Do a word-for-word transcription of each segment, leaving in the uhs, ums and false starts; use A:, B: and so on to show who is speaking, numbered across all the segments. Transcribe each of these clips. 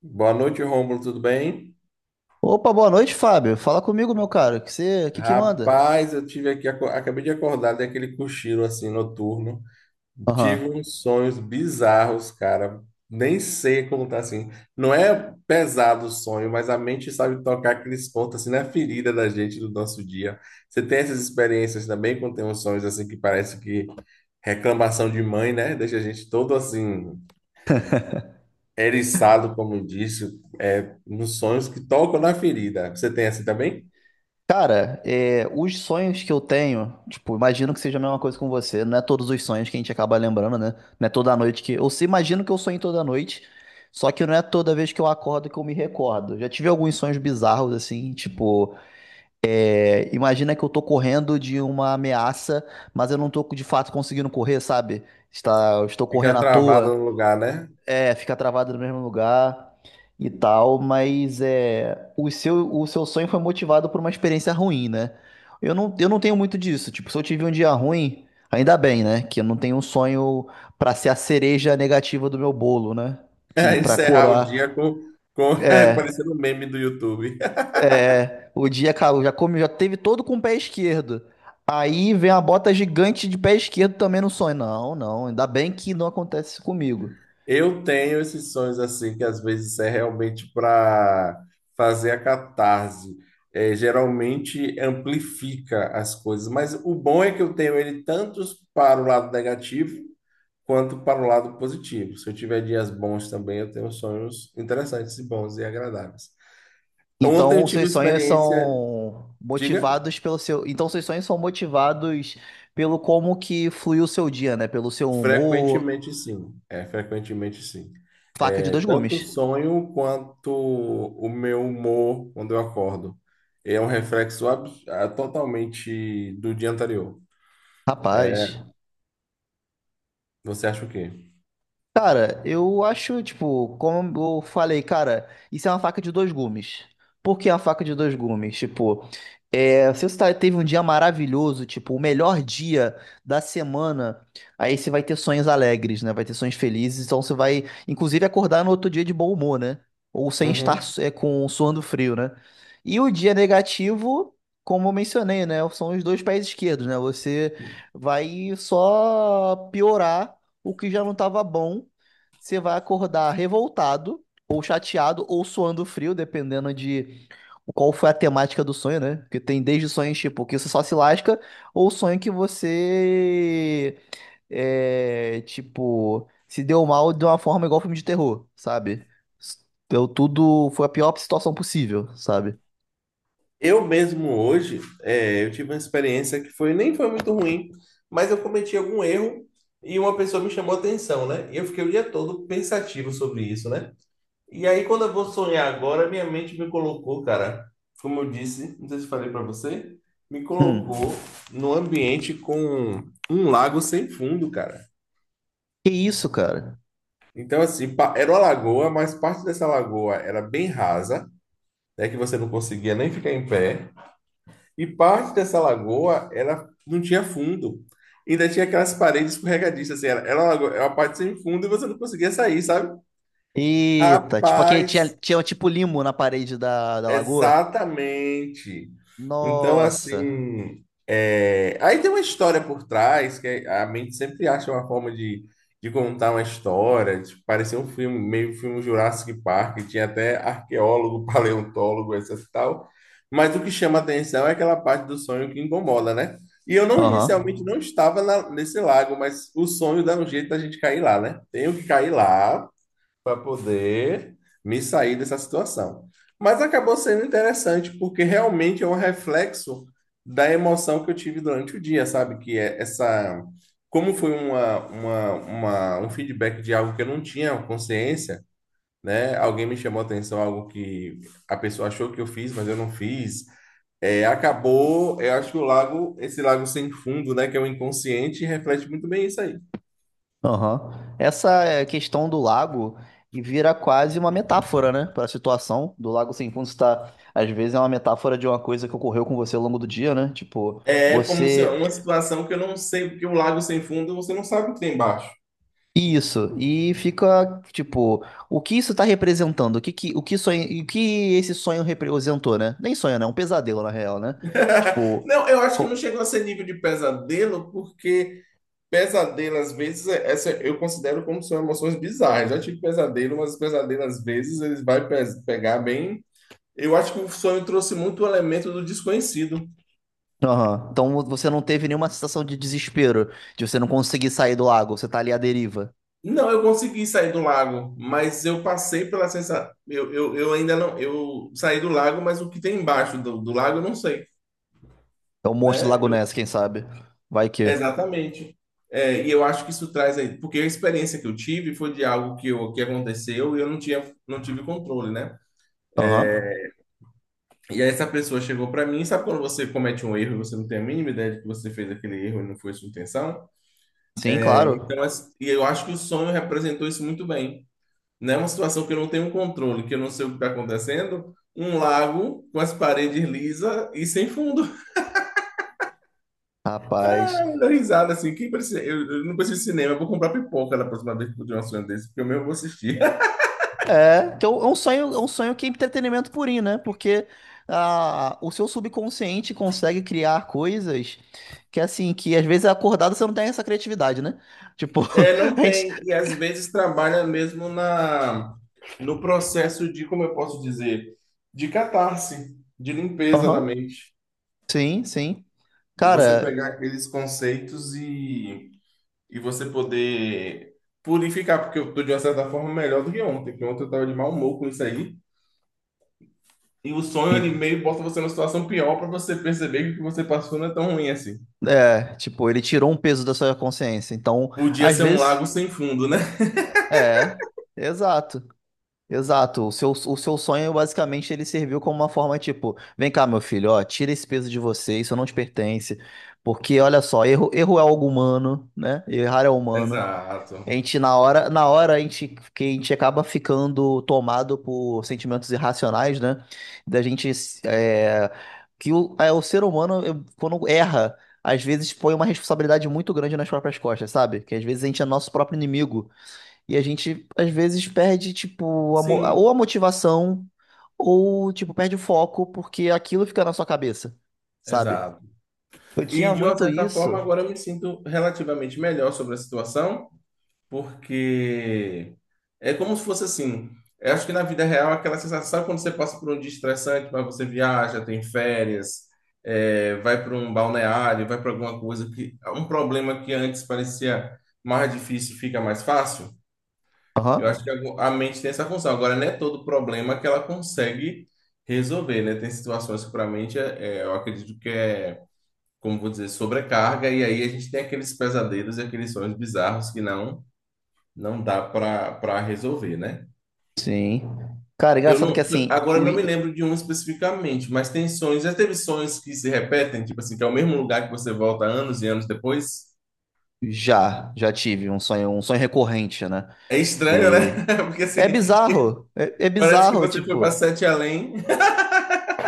A: Boa noite, Rômulo, tudo bem?
B: Opa, boa noite, Fábio. Fala comigo, meu cara. Que você, que que manda?
A: Rapaz, eu tive aqui, aco- acabei de acordar daquele cochilo assim noturno. Tive
B: Aham.
A: uns sonhos bizarros, cara. Nem sei como tá assim. Não é pesado o sonho, mas a mente sabe tocar aqueles pontos assim na ferida da gente do nosso dia. Você tem essas experiências também quando tem uns sonhos assim que parece que reclamação de mãe, né? Deixa a gente todo assim eriçado, como disse, é, nos sonhos que tocam na ferida. Você tem assim também?
B: Cara, é, os sonhos que eu tenho, tipo, imagino que seja a mesma coisa com você. Não é todos os sonhos que a gente acaba lembrando, né? Não é toda noite que. Eu se imagino que eu sonho toda noite, só que não é toda vez que eu acordo que eu me recordo. Já tive alguns sonhos bizarros, assim, tipo, é, imagina que eu tô correndo de uma ameaça, mas eu não tô de fato conseguindo correr, sabe? Está, eu estou correndo
A: Fica
B: à
A: travado no
B: toa.
A: lugar, né?
B: É, fica travado no mesmo lugar e tal, mas é, o seu, o seu sonho foi motivado por uma experiência ruim, né? Eu não, eu não tenho muito disso. Tipo, se eu tive um dia ruim, ainda bem, né? Que eu não tenho um sonho pra ser a cereja negativa do meu bolo, né? Que pra
A: Encerrar o dia
B: coroar.
A: com, com
B: É,
A: parecendo um meme do YouTube.
B: é. O dia, cara, eu já comi, já teve todo com o pé esquerdo. Aí vem a bota gigante de pé esquerdo também no sonho. Não, não. Ainda bem que não acontece isso comigo.
A: Eu tenho esses sonhos assim, que às vezes é realmente para fazer a catarse. É, geralmente amplifica as coisas, mas o bom é que eu tenho ele tanto para o lado negativo quanto para o lado positivo. Se eu tiver dias bons também, eu tenho sonhos interessantes e bons e agradáveis. Ontem eu
B: Então,
A: tive
B: seus
A: uma
B: sonhos
A: experiência,
B: são
A: diga.
B: motivados pelo seu. Então, seus sonhos são motivados pelo como que fluiu o seu dia, né? Pelo seu humor.
A: Frequentemente sim, é frequentemente sim.
B: Faca de
A: É
B: dois
A: tanto o
B: gumes.
A: sonho quanto o meu humor quando eu acordo. É um reflexo abs- ah, totalmente do dia anterior.
B: Rapaz.
A: Você acha o quê?
B: Cara, eu acho, tipo, como eu falei, cara, isso é uma faca de dois gumes. Por que a faca de dois gumes? Tipo. É, se você tá- teve um dia maravilhoso, tipo, o melhor dia da semana, aí você vai ter sonhos alegres, né? Vai ter sonhos felizes, então você vai, inclusive, acordar no outro dia de bom humor, né? Ou sem estar
A: Uhum.
B: é, com suando frio, né? E o dia negativo, como eu mencionei, né? São os dois pés esquerdos, né? Você vai só piorar o que já não estava bom. Você vai acordar revoltado, ou chateado, ou suando frio, dependendo de qual foi a temática do sonho, né? Porque tem desde sonhos tipo que você só se lasca ou sonho que você é, tipo se deu mal de uma forma igual filme de terror, sabe? Deu tudo, foi a pior situação possível, sabe?
A: Eu mesmo hoje, é, eu tive uma experiência que foi nem foi muito ruim, mas eu cometi algum erro e uma pessoa me chamou a atenção, né? E eu fiquei o dia todo pensativo sobre isso, né? E aí, quando eu vou sonhar agora, minha mente me colocou, cara, como eu disse, não sei se falei para você, me colocou
B: Hum.
A: num ambiente com um lago sem fundo, cara.
B: Que isso, cara?
A: Então, assim, pa- era uma lagoa, mas parte dessa lagoa era bem rasa, né, que você não conseguia nem ficar em pé, e parte dessa lagoa era, não tinha fundo. Ainda tinha aquelas paredes escorregadiças, assim, era, era uma lagoa- era uma parte sem fundo e você não conseguia sair, sabe?
B: Eita, tipo aquele tinha,
A: Rapaz,
B: tinha tipo limo na parede da, da lagoa.
A: exatamente. Então,
B: Nossa.
A: assim, é, aí tem uma história por trás, que a mente sempre acha uma forma de, de contar uma história, de parecer um filme, meio filme Jurassic Park, tinha até arqueólogo, paleontólogo, essas tal. Mas o que chama atenção é aquela parte do sonho que incomoda, né? E eu não, inicialmente
B: Aham.
A: não estava na- nesse lago, mas o sonho dá um jeito da gente cair lá, né? Tenho que cair lá para poder me sair dessa situação. Mas acabou sendo interessante, porque realmente é um reflexo da emoção que eu tive durante o dia, sabe? Que é essa. Como foi uma, uma, uma- um feedback de algo que eu não tinha consciência, né? Alguém me chamou a atenção, algo que a pessoa achou que eu fiz, mas eu não fiz. É, acabou, eu acho que o lago, esse lago sem fundo, né? Que é o inconsciente, reflete muito bem isso aí.
B: Aham. Essa é, questão do lago e vira quase uma metáfora, né, para a situação do lago sem fundo está às vezes é uma metáfora de uma coisa que ocorreu com você ao longo do dia, né? Tipo,
A: É como se é
B: você
A: uma situação que eu não sei, porque o lago sem fundo você não sabe o que tem embaixo.
B: isso e fica tipo, o que isso está representando? O que, que o que sonho, o que esse sonho representou, né? Nem sonho, né? Um pesadelo na real, né? Tipo,
A: Não, eu acho que não
B: co-
A: chegou a ser nível de pesadelo, porque pesadelo às vezes é- essa eu considero como são emoções bizarras. Já tive pesadelo, mas pesadelo às vezes eles vai pe- pegar bem. Eu acho que o sonho trouxe muito o elemento do desconhecido.
B: aham. Então você não teve nenhuma sensação de desespero, de você não conseguir sair do lago, você tá ali à deriva.
A: Não, eu consegui sair do lago, mas eu passei pela sensação. Eu, eu, eu ainda não. Eu saí do lago, mas o que tem embaixo do, do lago eu não sei,
B: É o monstro do
A: né?
B: Lago Ness, quem sabe? Vai que.
A: Exatamente. É, e eu acho que isso traz aí, porque a experiência que eu tive foi de algo que, eu, que aconteceu e eu não tinha, não tive controle, né?
B: Aham.
A: E aí essa pessoa chegou para mim, sabe quando você comete um erro e você não tem a mínima ideia de que você fez aquele erro e não foi sua intenção?
B: Sim, claro.
A: Então, as- e eu acho que o sonho representou isso muito bem. Né, uma situação que eu não tenho um controle, que eu não sei o que está acontecendo, um lago com as paredes lisas e sem fundo.
B: Rapaz.
A: Eu dou risada assim, que precisa, eu, eu não preciso de cinema, eu vou comprar pipoca na próxima vez que eu tiver um sonho desse, porque eu mesmo vou assistir.
B: É, que é um é um sonho, é um sonho que é entretenimento purinho, né? Porque ah, o seu subconsciente consegue criar coisas que, assim, que às vezes acordado você não tem essa criatividade, né? Tipo,
A: É, não
B: a gente.
A: tem, e às vezes trabalha mesmo na no processo de, como eu posso dizer, de catarse, de limpeza da
B: Aham.
A: mente,
B: Sim, sim.
A: de você
B: Cara,
A: pegar aqueles conceitos e, e você poder purificar, porque eu estou de uma certa forma melhor do que ontem, porque ontem eu estava de mau humor com isso aí, e o sonho ele
B: en-
A: meio bota você numa situação pior para você perceber que o que você passou não é tão ruim assim.
B: é, tipo, ele tirou um peso da sua consciência. Então,
A: Podia
B: às
A: ser um
B: vezes.
A: lago sem fundo, né?
B: É, exato. Exato, o seu, o seu sonho basicamente ele serviu como uma forma tipo, vem cá meu filho, ó, tira esse peso de você, isso não te pertence, porque olha só, erro, erro é algo humano, né? Errar é humano. A
A: Exato.
B: gente na hora, na hora a gente, que a gente acaba ficando tomado por sentimentos irracionais, né? Da gente é, que o, é, o ser humano eu- quando erra, às vezes põe uma responsabilidade muito grande nas próprias costas, sabe? Que às vezes a gente é nosso próprio inimigo. E a gente, às vezes, perde, tipo, a mo- ou
A: Sim,
B: a motivação, ou, tipo, perde o foco, porque aquilo fica na sua cabeça, sabe?
A: exato.
B: Eu
A: E
B: tinha
A: de uma
B: muito
A: certa forma,
B: isso.
A: agora eu me sinto relativamente melhor sobre a situação, porque é como se fosse assim. Eu acho que na vida real, aquela sensação, sabe quando você passa por um dia estressante, mas você viaja, tem férias, é, vai para um balneário, vai para alguma coisa que um problema que antes parecia mais difícil fica mais fácil. Eu acho que
B: Aham.
A: a a mente tem essa função. Agora, não é todo problema que ela consegue resolver, né? Tem situações que para a mente, é- é, eu acredito que é como vou dizer, sobrecarga, e aí a gente tem aqueles pesadelos e aqueles sonhos bizarros que não não dá para para resolver, né?
B: Sim. Cara,
A: Eu
B: engraçado que,
A: não,
B: assim,
A: agora eu
B: o...
A: não me
B: i-
A: lembro de um especificamente, mas tem sonhos. Já teve sonhos que se repetem, tipo assim, que é o mesmo lugar que você volta anos e anos depois?
B: já, já tive um sonho, um sonho recorrente, né?
A: É estranho, né?
B: Que
A: Porque assim,
B: é bizarro, é, é
A: parece que
B: bizarro,
A: você foi para
B: tipo,
A: sete além.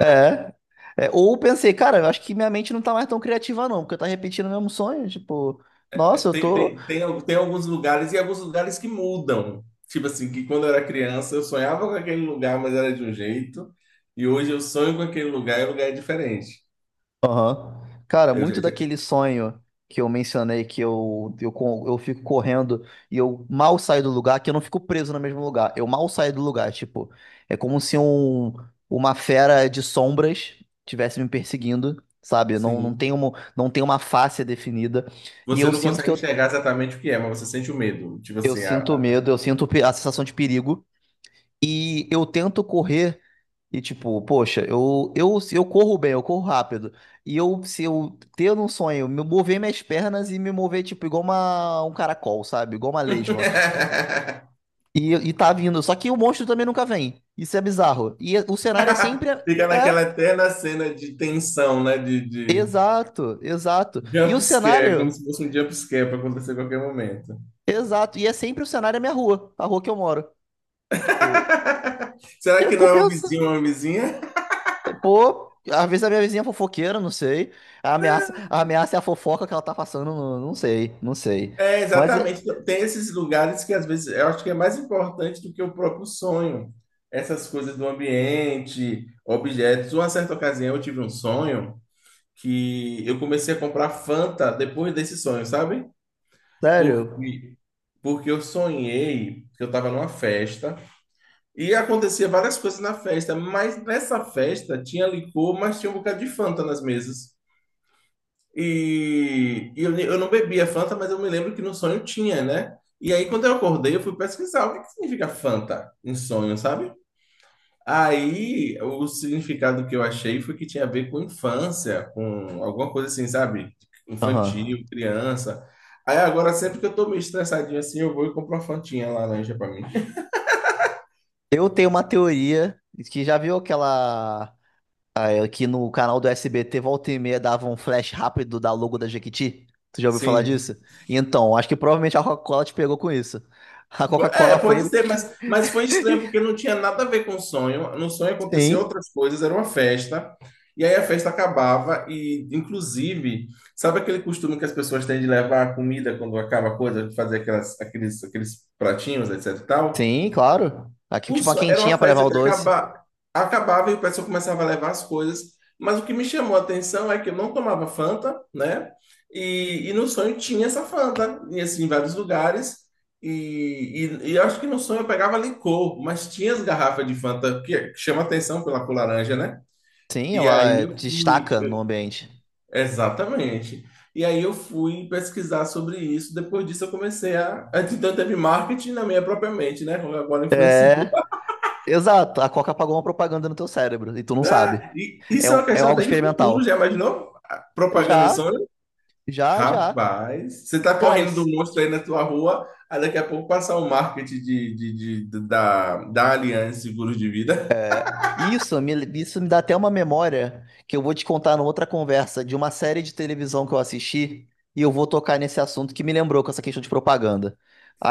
B: é. É, Ou pensei, cara, eu acho que minha mente não tá mais tão criativa, não, porque eu tá repetindo o mesmo sonho, tipo, nossa, eu
A: Tem,
B: tô.
A: tem, tem, al- tem alguns lugares e alguns lugares que mudam. Tipo assim, que quando eu era criança eu sonhava com aquele lugar, mas era de um jeito. E hoje eu sonho com aquele lugar e o lugar é diferente.
B: Aham. Cara,
A: Eu-
B: muito
A: eu-
B: daquele sonho que eu mencionei, que eu, eu, co- eu fico correndo e eu mal saio do lugar, que eu não fico preso no mesmo lugar. Eu mal saio do lugar, tipo, é como se um, uma fera de sombras tivesse me perseguindo, sabe? Não, não
A: sim.
B: tem uma, não tem uma face definida. E
A: Você
B: eu
A: não
B: sinto que
A: consegue
B: eu,
A: enxergar exatamente o que é, mas você sente o medo. Tipo
B: eu
A: assim, a-
B: sinto
A: a-
B: medo, eu sinto pe- a sensação de perigo. E eu tento correr. E tipo, poxa, eu, eu, se eu corro bem, eu corro rápido. E eu, se eu ter um sonho, me mover minhas pernas e me mover, tipo, igual uma, um caracol, sabe? Igual uma lesma. E, e tá vindo. Só que o monstro também nunca vem. Isso é bizarro. E é, o cenário é sempre.
A: fica
B: É,
A: naquela eterna cena de tensão, né? De, de
B: exato, exato. E o
A: jump scare, como
B: cenário.
A: se fosse um jump scare para acontecer a qualquer momento.
B: Exato. E é sempre o cenário é minha rua, a rua que eu moro. Tipo,
A: Será
B: eu
A: que não
B: fico
A: é um vizinho
B: pensando.
A: ou uma vizinha?
B: Pô, às vezes a minha vizinha é fofoqueira, não sei. A ameaça, a ameaça é a fofoca que ela tá passando, não, não sei, não sei.
A: É,
B: Mas, é-
A: exatamente. Tem esses lugares que às vezes eu acho que é mais importante do que o próprio sonho. Essas coisas do ambiente, objetos. Uma certa ocasião eu tive um sonho que eu comecei a comprar Fanta depois desse sonho, sabe?
B: sério,
A: Porque, porque eu sonhei que eu estava numa festa e acontecia várias coisas na festa, mas nessa festa tinha licor, mas tinha um bocado de Fanta nas mesas. E, e eu, ne- eu não bebia Fanta, mas eu me lembro que no sonho tinha, né? E aí, quando eu acordei, eu fui pesquisar o que que significa Fanta em sonho, sabe? Aí, o significado que eu achei foi que tinha a ver com infância, com alguma coisa assim, sabe? Infantil,
B: aham.
A: criança. Aí agora, sempre que eu tô meio estressadinho assim, eu vou e compro uma fantinha laranja pra mim.
B: Eu tenho uma teoria que já viu aquela. ah, Que no canal do S B T volta e meia dava um flash rápido da logo da Jequiti? Tu já ouviu falar
A: Sim.
B: disso? Então, acho que provavelmente a Coca-Cola te pegou com isso. A
A: É,
B: Coca-Cola
A: pode
B: foi.
A: ser, mas, mas foi estranho porque não tinha nada a ver com o sonho. No sonho aconteciam
B: Sim,
A: outras coisas, era uma festa. E aí a festa acabava e, inclusive, sabe aquele costume que as pessoas têm de levar a comida quando acaba a coisa, de fazer aquelas, aqueles, aqueles pratinhos, etc e tal?
B: sim, claro. Aqui,
A: O
B: tipo, a
A: so- Era
B: quentinha
A: uma
B: pra levar
A: festa
B: o
A: que
B: doce.
A: acaba- acabava e o pessoal começava a levar as coisas. Mas o que me chamou a atenção é que eu não tomava Fanta, né? E, e no sonho tinha essa Fanta, e assim, em vários lugares. E, e, e eu acho que no sonho eu pegava licor, mas tinha as garrafas de Fanta, que, que chama atenção pela cor laranja, né?
B: Sim,
A: E
B: ela
A: aí
B: eh,
A: eu fui.
B: destaca no
A: Eu-
B: ambiente.
A: Exatamente. E aí eu fui pesquisar sobre isso. Depois disso eu comecei a. Antes então teve marketing na minha própria mente, né? Agora influenciou.
B: Exato, a Coca apagou uma propaganda no teu cérebro e tu não sabe.
A: Ah, e
B: É,
A: isso é uma
B: um- é
A: questão
B: algo
A: até de futuro,
B: experimental.
A: já imaginou? A Propaganda
B: Já,
A: insônia?
B: já, já.
A: Rapaz, você tá
B: Cara,
A: correndo do
B: isso,
A: monstro aí na tua rua, aí daqui a pouco passar o marketing de, de, de- de- da, da Aliança Seguros de Vida.
B: isso, me, isso me dá até uma memória que eu vou te contar numa outra conversa de uma série de televisão que eu assisti e eu vou tocar nesse assunto que me lembrou com essa questão de propaganda.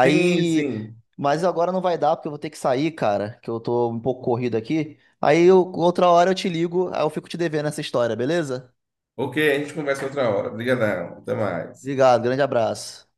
A: Sim, sim.
B: mas agora não vai dar porque eu vou ter que sair, cara, que eu tô um pouco corrido aqui. Aí eu- outra hora eu te ligo, aí eu fico te devendo essa história, beleza?
A: Ok, a gente conversa outra hora. Obrigadão, até mais.
B: Obrigado, grande abraço.